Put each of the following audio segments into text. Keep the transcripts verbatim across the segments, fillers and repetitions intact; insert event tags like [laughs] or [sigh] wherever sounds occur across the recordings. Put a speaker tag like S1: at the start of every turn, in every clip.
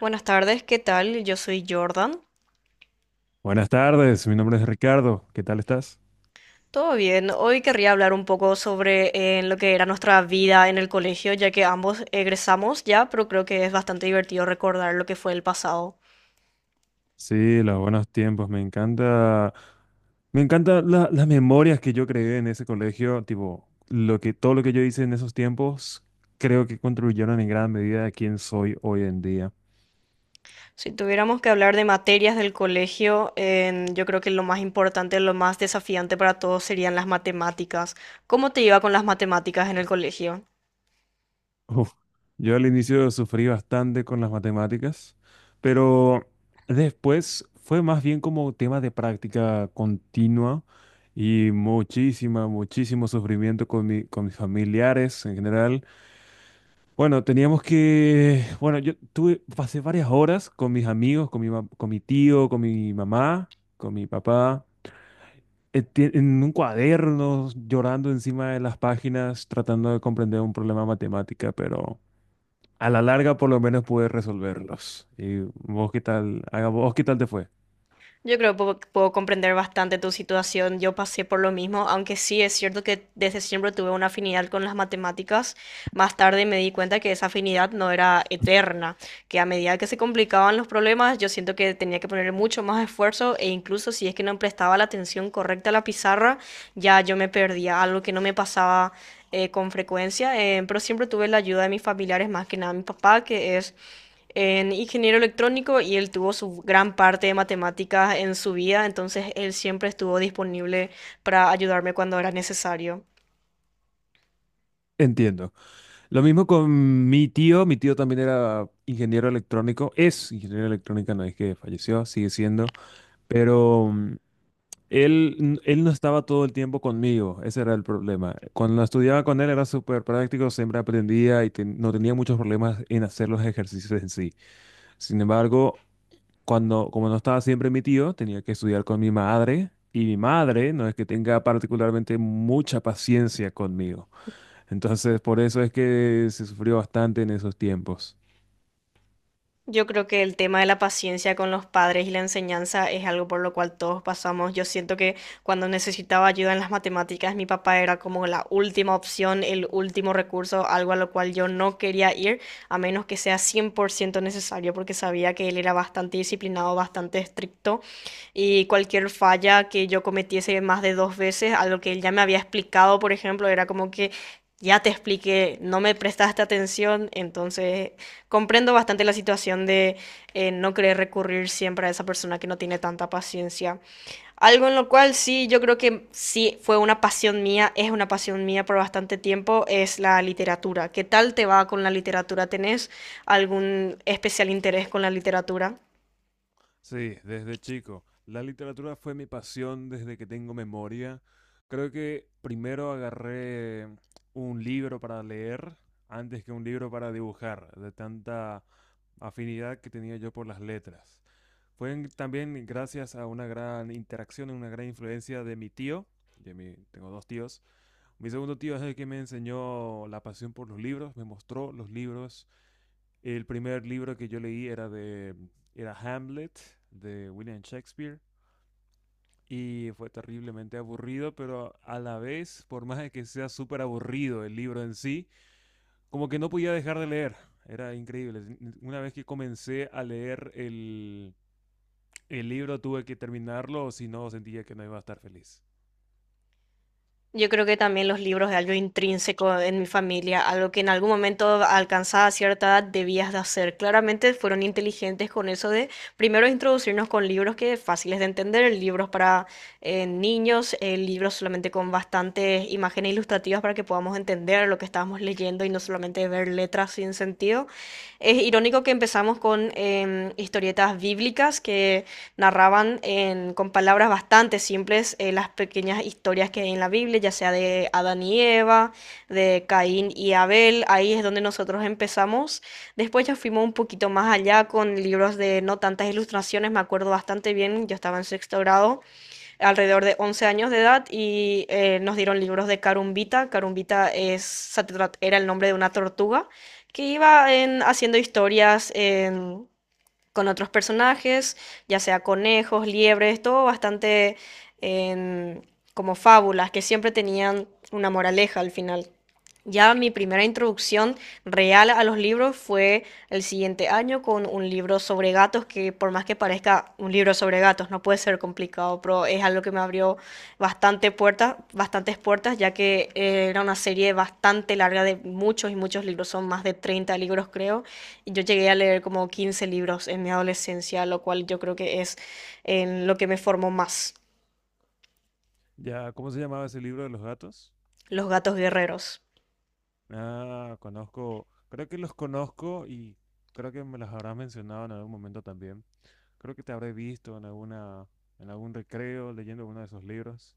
S1: Buenas tardes, ¿qué tal? Yo soy Jordan.
S2: Buenas tardes, mi nombre es Ricardo. ¿Qué tal estás?
S1: Todo bien. Hoy querría hablar un poco sobre eh, lo que era nuestra vida en el colegio, ya que ambos egresamos ya, pero creo que es bastante divertido recordar lo que fue el pasado.
S2: Sí, los buenos tiempos. Me encanta, me encanta la- las memorias que yo creé en ese colegio. Tipo, lo que todo lo que yo hice en esos tiempos, creo que contribuyeron en gran medida a quién soy hoy en día.
S1: Si tuviéramos que hablar de materias del colegio, en- yo creo que lo más importante, lo más desafiante para todos serían las matemáticas. ¿Cómo te iba con las matemáticas en el colegio?
S2: Uf, yo al inicio sufrí bastante con las matemáticas, pero después fue más bien como tema de práctica continua y muchísima, muchísimo sufrimiento con mi- con mis familiares en general. Bueno, teníamos que, bueno, yo tuve, pasé varias horas con mis amigos, con mi, ma- con mi tío, con mi mamá, con mi papá, eh, ti- en un cuaderno, llorando encima de las páginas, tratando de comprender un problema de matemática, pero a la larga por lo menos pude resolverlos. ¿Y vos qué tal, haga vos qué tal te fue?
S1: Yo creo que puedo, puedo comprender bastante tu situación. Yo pasé por lo mismo, aunque sí es cierto que desde siempre tuve una afinidad con las matemáticas. Más tarde me di cuenta que esa afinidad no era eterna, que a medida que se complicaban los problemas, yo siento que tenía que poner mucho más esfuerzo e incluso si es que no prestaba la atención correcta a la pizarra, ya yo me perdía, algo que no me pasaba eh, con frecuencia, eh, pero siempre tuve la ayuda de mis familiares, más que nada mi papá, que es en ingeniero electrónico y él tuvo su gran parte de matemáticas en su vida, entonces él siempre estuvo disponible para ayudarme cuando era necesario.
S2: Entiendo. Lo mismo con mi tío, mi tío también era ingeniero electrónico, es ingeniero electrónico, no es que falleció, sigue siendo. Pero Él, él no estaba todo el tiempo conmigo, ese era el problema. Cuando estudiaba con él era súper práctico, siempre aprendía y ten- no tenía muchos problemas en hacer los ejercicios en sí. Sin embargo, cuando, como no estaba siempre mi tío, tenía que estudiar con mi madre y mi madre no es que tenga particularmente mucha paciencia conmigo. Entonces, por eso es que se sufrió bastante en esos tiempos.
S1: Yo creo que el tema de la paciencia con los padres y la enseñanza es algo por lo cual todos pasamos. Yo siento que cuando necesitaba ayuda en las matemáticas, mi papá era como la última opción, el último recurso, algo a lo cual yo no quería ir, a menos que sea cien por ciento necesario, porque sabía que él era bastante disciplinado, bastante estricto, y cualquier falla que yo cometiese más de dos veces, algo que él ya me había explicado, por ejemplo, era como que, ya te expliqué, no me prestaste atención, entonces comprendo bastante la situación de eh, no querer recurrir siempre a esa persona que no tiene tanta paciencia. Algo en lo cual sí, yo creo que sí fue una pasión mía, es una pasión mía por bastante tiempo, es la literatura. ¿Qué tal te va con la literatura? ¿Tenés algún especial interés con la literatura?
S2: Sí, desde chico. La literatura fue mi pasión desde que tengo memoria. Creo que primero agarré un libro para leer antes que un libro para dibujar, de tanta afinidad que tenía yo por las letras. Fue en- también gracias a una gran interacción, una gran influencia de mi tío. De mi, tengo dos tíos. Mi segundo tío es el que me enseñó la pasión por los libros, me mostró los libros. El primer libro que yo leí era de era Hamlet de William Shakespeare y fue terriblemente aburrido, pero a la vez, por más de que sea súper aburrido el libro en sí, como que no podía dejar de leer. Era increíble. Una vez que comencé a leer el, el libro tuve que terminarlo, o si no, sentía que no iba a estar feliz.
S1: Yo creo que también los libros es algo intrínseco en mi familia, algo que en algún momento alcanzada cierta edad debías de hacer. Claramente fueron inteligentes con eso de primero introducirnos con libros que fáciles de entender, libros para eh, niños, eh, libros solamente con bastantes imágenes ilustrativas para que podamos entender lo que estábamos leyendo y no solamente ver letras sin sentido. Es irónico que empezamos con em, historietas bíblicas que narraban en- con palabras bastante simples eh, las pequeñas historias que hay en la Biblia, ya sea de Adán y Eva, de Caín y Abel, ahí es donde nosotros empezamos. Después ya fuimos un poquito más allá con libros de no tantas ilustraciones, me acuerdo bastante bien, yo estaba en sexto grado, alrededor de once años de edad, y eh, nos dieron libros de Carumbita. Carumbita es, se tra- era el nombre de una tortuga que iba en- haciendo historias en con otros personajes, ya sea conejos, liebres, todo bastante en- como fábulas que siempre tenían una moraleja al final. Ya mi primera introducción real a los libros fue el siguiente año con un libro sobre gatos que por más que parezca un libro sobre gatos no puede ser complicado, pero es algo que me abrió bastante puertas, bastantes puertas, ya que eh, era una serie bastante larga de muchos y muchos libros, son más de treinta libros creo, yo llegué a leer como quince libros en mi adolescencia, lo cual yo creo que es en lo que me formó más.
S2: Ya, ¿cómo se llamaba ese libro de los gatos?
S1: Los gatos guerreros.
S2: Ah, conozco, creo que los conozco y creo que me los habrás mencionado en algún momento también. Creo que te habré visto en alguna, en algún recreo leyendo uno de esos libros,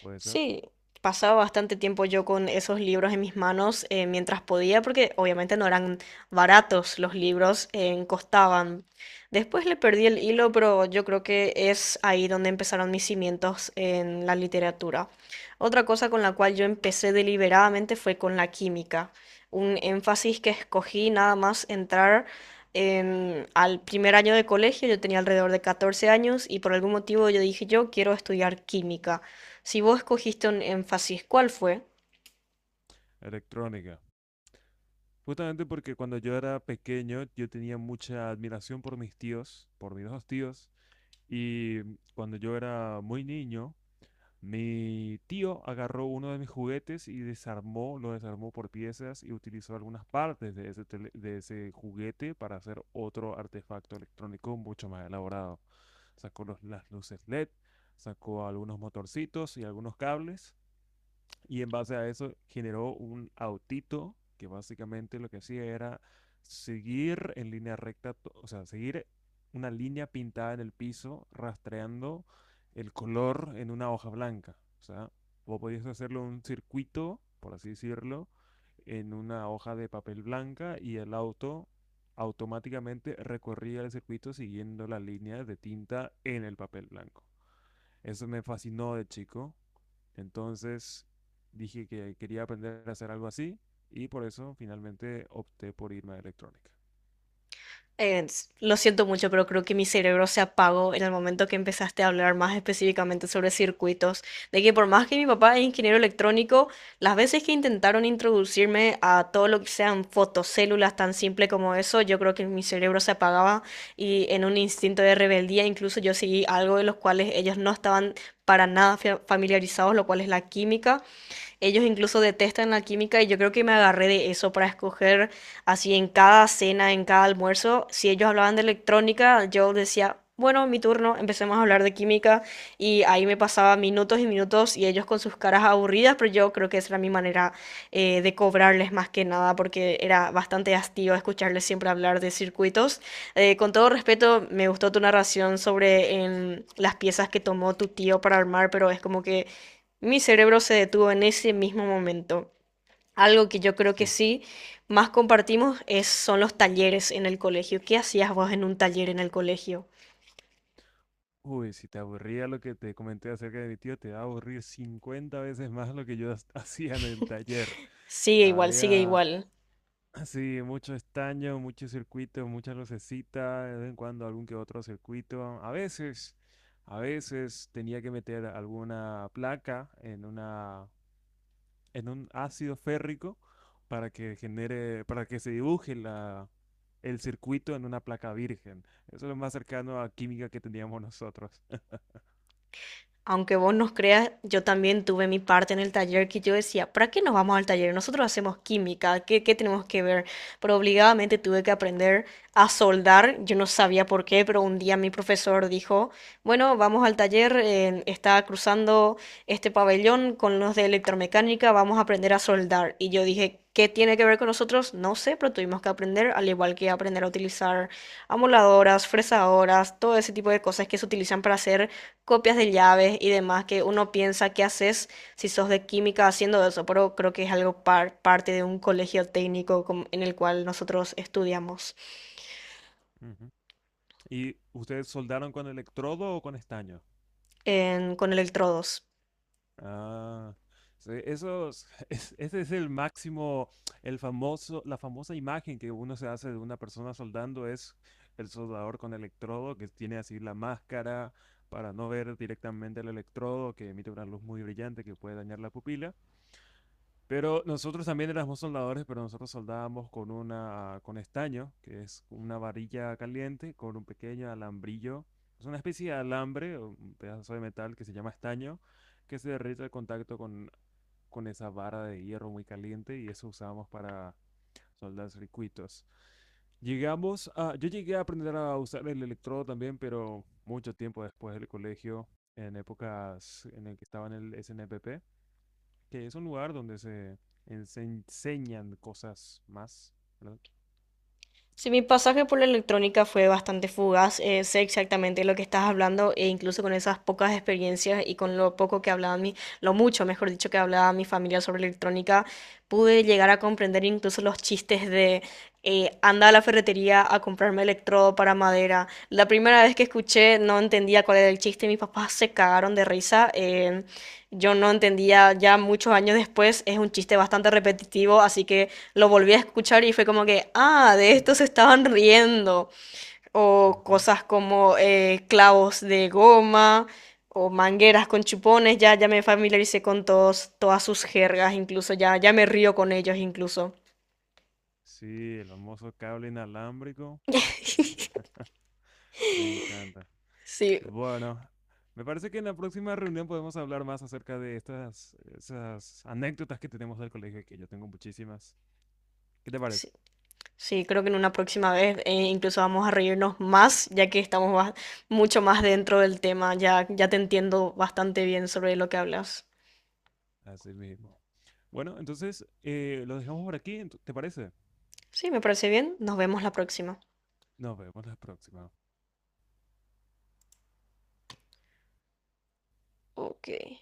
S2: puede ser.
S1: Sí, pasaba bastante tiempo yo con esos libros en mis manos eh, mientras podía, porque obviamente no eran baratos los libros, eh, costaban. Después le perdí el hilo, pero yo creo que es ahí donde empezaron mis cimientos en la literatura. Otra cosa con la cual yo empecé deliberadamente fue con la química, un énfasis que escogí nada más entrar. en- al primer año de colegio yo tenía alrededor de catorce años y por algún motivo yo dije yo quiero estudiar química. Si vos escogiste un énfasis, ¿cuál fue?
S2: Electrónica. Justamente porque cuando yo era pequeño yo tenía mucha admiración por mis tíos, por mis dos tíos, y cuando yo era muy niño, mi tío agarró uno de mis juguetes y desarmó, lo desarmó por piezas y utilizó algunas partes de ese, tele- de ese juguete para hacer otro artefacto electrónico mucho más elaborado. Sacó los- las luces L E D, sacó algunos motorcitos y algunos cables y en base a eso generó un autito que básicamente lo que hacía era seguir en línea recta, to- o sea, seguir una línea pintada en el piso, rastreando el color en una hoja blanca. O sea, vos podías hacerlo un circuito, por así decirlo, en una hoja de papel blanca y el auto automáticamente recorría el circuito siguiendo la línea de tinta en el papel blanco. Eso me fascinó de chico. Entonces dije que quería aprender a hacer algo así y por eso finalmente opté por irme a electrónica.
S1: Eh, lo siento mucho, pero creo que mi cerebro se apagó en el momento que empezaste a hablar más específicamente sobre circuitos, de que por más que mi papá es ingeniero electrónico, las veces que intentaron introducirme a todo lo que sean fotocélulas tan simple como eso, yo creo que mi cerebro se apagaba y en un instinto de rebeldía incluso yo seguí algo de los cuales ellos no estaban para nada fa- familiarizados, lo cual es la química. Ellos incluso detestan la química y yo creo que me agarré de eso para escoger así en cada cena, en cada almuerzo. Si ellos hablaban de electrónica, yo decía, bueno, mi turno, empecemos a hablar de química y ahí me pasaba minutos y minutos y ellos con sus caras aburridas, pero yo creo que esa era mi manera eh, de cobrarles más que nada porque era bastante hastío escucharles siempre hablar de circuitos. Eh, con todo respeto, me gustó tu narración sobre en, las piezas que tomó tu tío para armar, pero es como que mi cerebro se detuvo en ese mismo momento. Algo que yo creo que
S2: Sí.
S1: sí más compartimos es, son los talleres en el colegio. ¿Qué hacías vos en un taller en el colegio?
S2: Uy, si te aburría lo que te comenté acerca de mi tío, te va a aburrir cincuenta veces más lo que yo has- [laughs] hacía en el taller.
S1: Sigue igual, sigue
S2: Había,
S1: igual.
S2: sí, mucho estaño, muchos circuitos, muchas lucecitas, de vez en cuando algún que otro circuito. A veces, a veces tenía que meter alguna placa en una en un ácido férrico para que genere, para que se dibuje la, el circuito en una placa virgen. Eso es lo más cercano a química que teníamos nosotros.
S1: Aunque vos nos creas, yo también tuve mi parte en el taller que yo decía, ¿para qué nos vamos al taller? Nosotros hacemos química, ¿qué, qué tenemos que ver? Pero obligadamente tuve que aprender a soldar, yo no sabía por qué, pero un día mi profesor dijo, bueno, vamos al taller, eh, está cruzando este pabellón con los de electromecánica, vamos a aprender a soldar. Y yo dije, ¿qué tiene que ver con nosotros? No sé, pero tuvimos que aprender, al igual que aprender a utilizar amoladoras, fresadoras, todo ese tipo de cosas que se utilizan para hacer copias de llaves y demás que uno piensa que haces si sos de química haciendo eso, pero creo que es algo par- parte de un colegio técnico com- en el cual nosotros estudiamos
S2: Ujú. ¿Y ustedes soldaron con electrodo o con estaño?
S1: en- con electrodos.
S2: Ah, sí, eso [laughs] es- es- ese es el máximo, el famoso, la famosa imagen que uno se hace de una persona soldando es el soldador con electrodo que tiene así la máscara para no ver directamente el electrodo que emite una luz muy brillante que puede dañar la pupila. Pero nosotros también éramos soldadores, pero nosotros soldábamos con una, con estaño, que es una varilla caliente con un pequeño alambrillo. Es una especie de alambre, o un pedazo de metal que se llama estaño, que se derrite al contacto con, con esa vara de hierro muy caliente y eso usábamos para soldar circuitos. Llegamos a, yo llegué a aprender a usar el electrodo también, pero mucho tiempo después del colegio, en épocas en el que estaba en el S N P P, que es un lugar donde se, en- se enseñan cosas más, ¿verdad?
S1: Sí, mi pasaje por la electrónica fue bastante fugaz, eh, sé exactamente lo que estás hablando e incluso con esas pocas experiencias y con lo poco que hablaba mi, lo mucho, mejor dicho, que hablaba mi familia sobre electrónica, pude llegar a comprender incluso los chistes de eh, anda a la ferretería a comprarme electrodo para madera. La primera vez que escuché no entendía cuál era el chiste, mis papás se cagaron de risa. eh, yo no entendía ya muchos años después, es un chiste bastante repetitivo, así que lo volví a escuchar y fue como que, ah, de esto se estaban riendo. O
S2: Ujú.
S1: cosas como eh, clavos de goma o mangueras con chupones, ya, ya me familiaricé con todos, todas sus jergas,
S2: Pues,
S1: incluso ya, ya me río con ellos incluso.
S2: sí, el famoso cable inalámbrico,
S1: [laughs]
S2: me encanta.
S1: Sí,
S2: Bueno, me parece que en la próxima reunión podemos hablar más acerca de estas esas anécdotas que tenemos del colegio, que yo tengo muchísimas. ¿Qué te parece?
S1: sí, sí, creo que en una próxima vez eh, incluso vamos a reírnos más, ya que estamos más- mucho más dentro del tema, ya, ya te entiendo bastante bien sobre lo que hablas.
S2: Así mismo. Bueno, entonces eh, lo dejamos por aquí, ento- ¿te parece?
S1: Sí, me parece bien, nos vemos la próxima.
S2: Nos vemos la próxima.
S1: Ok.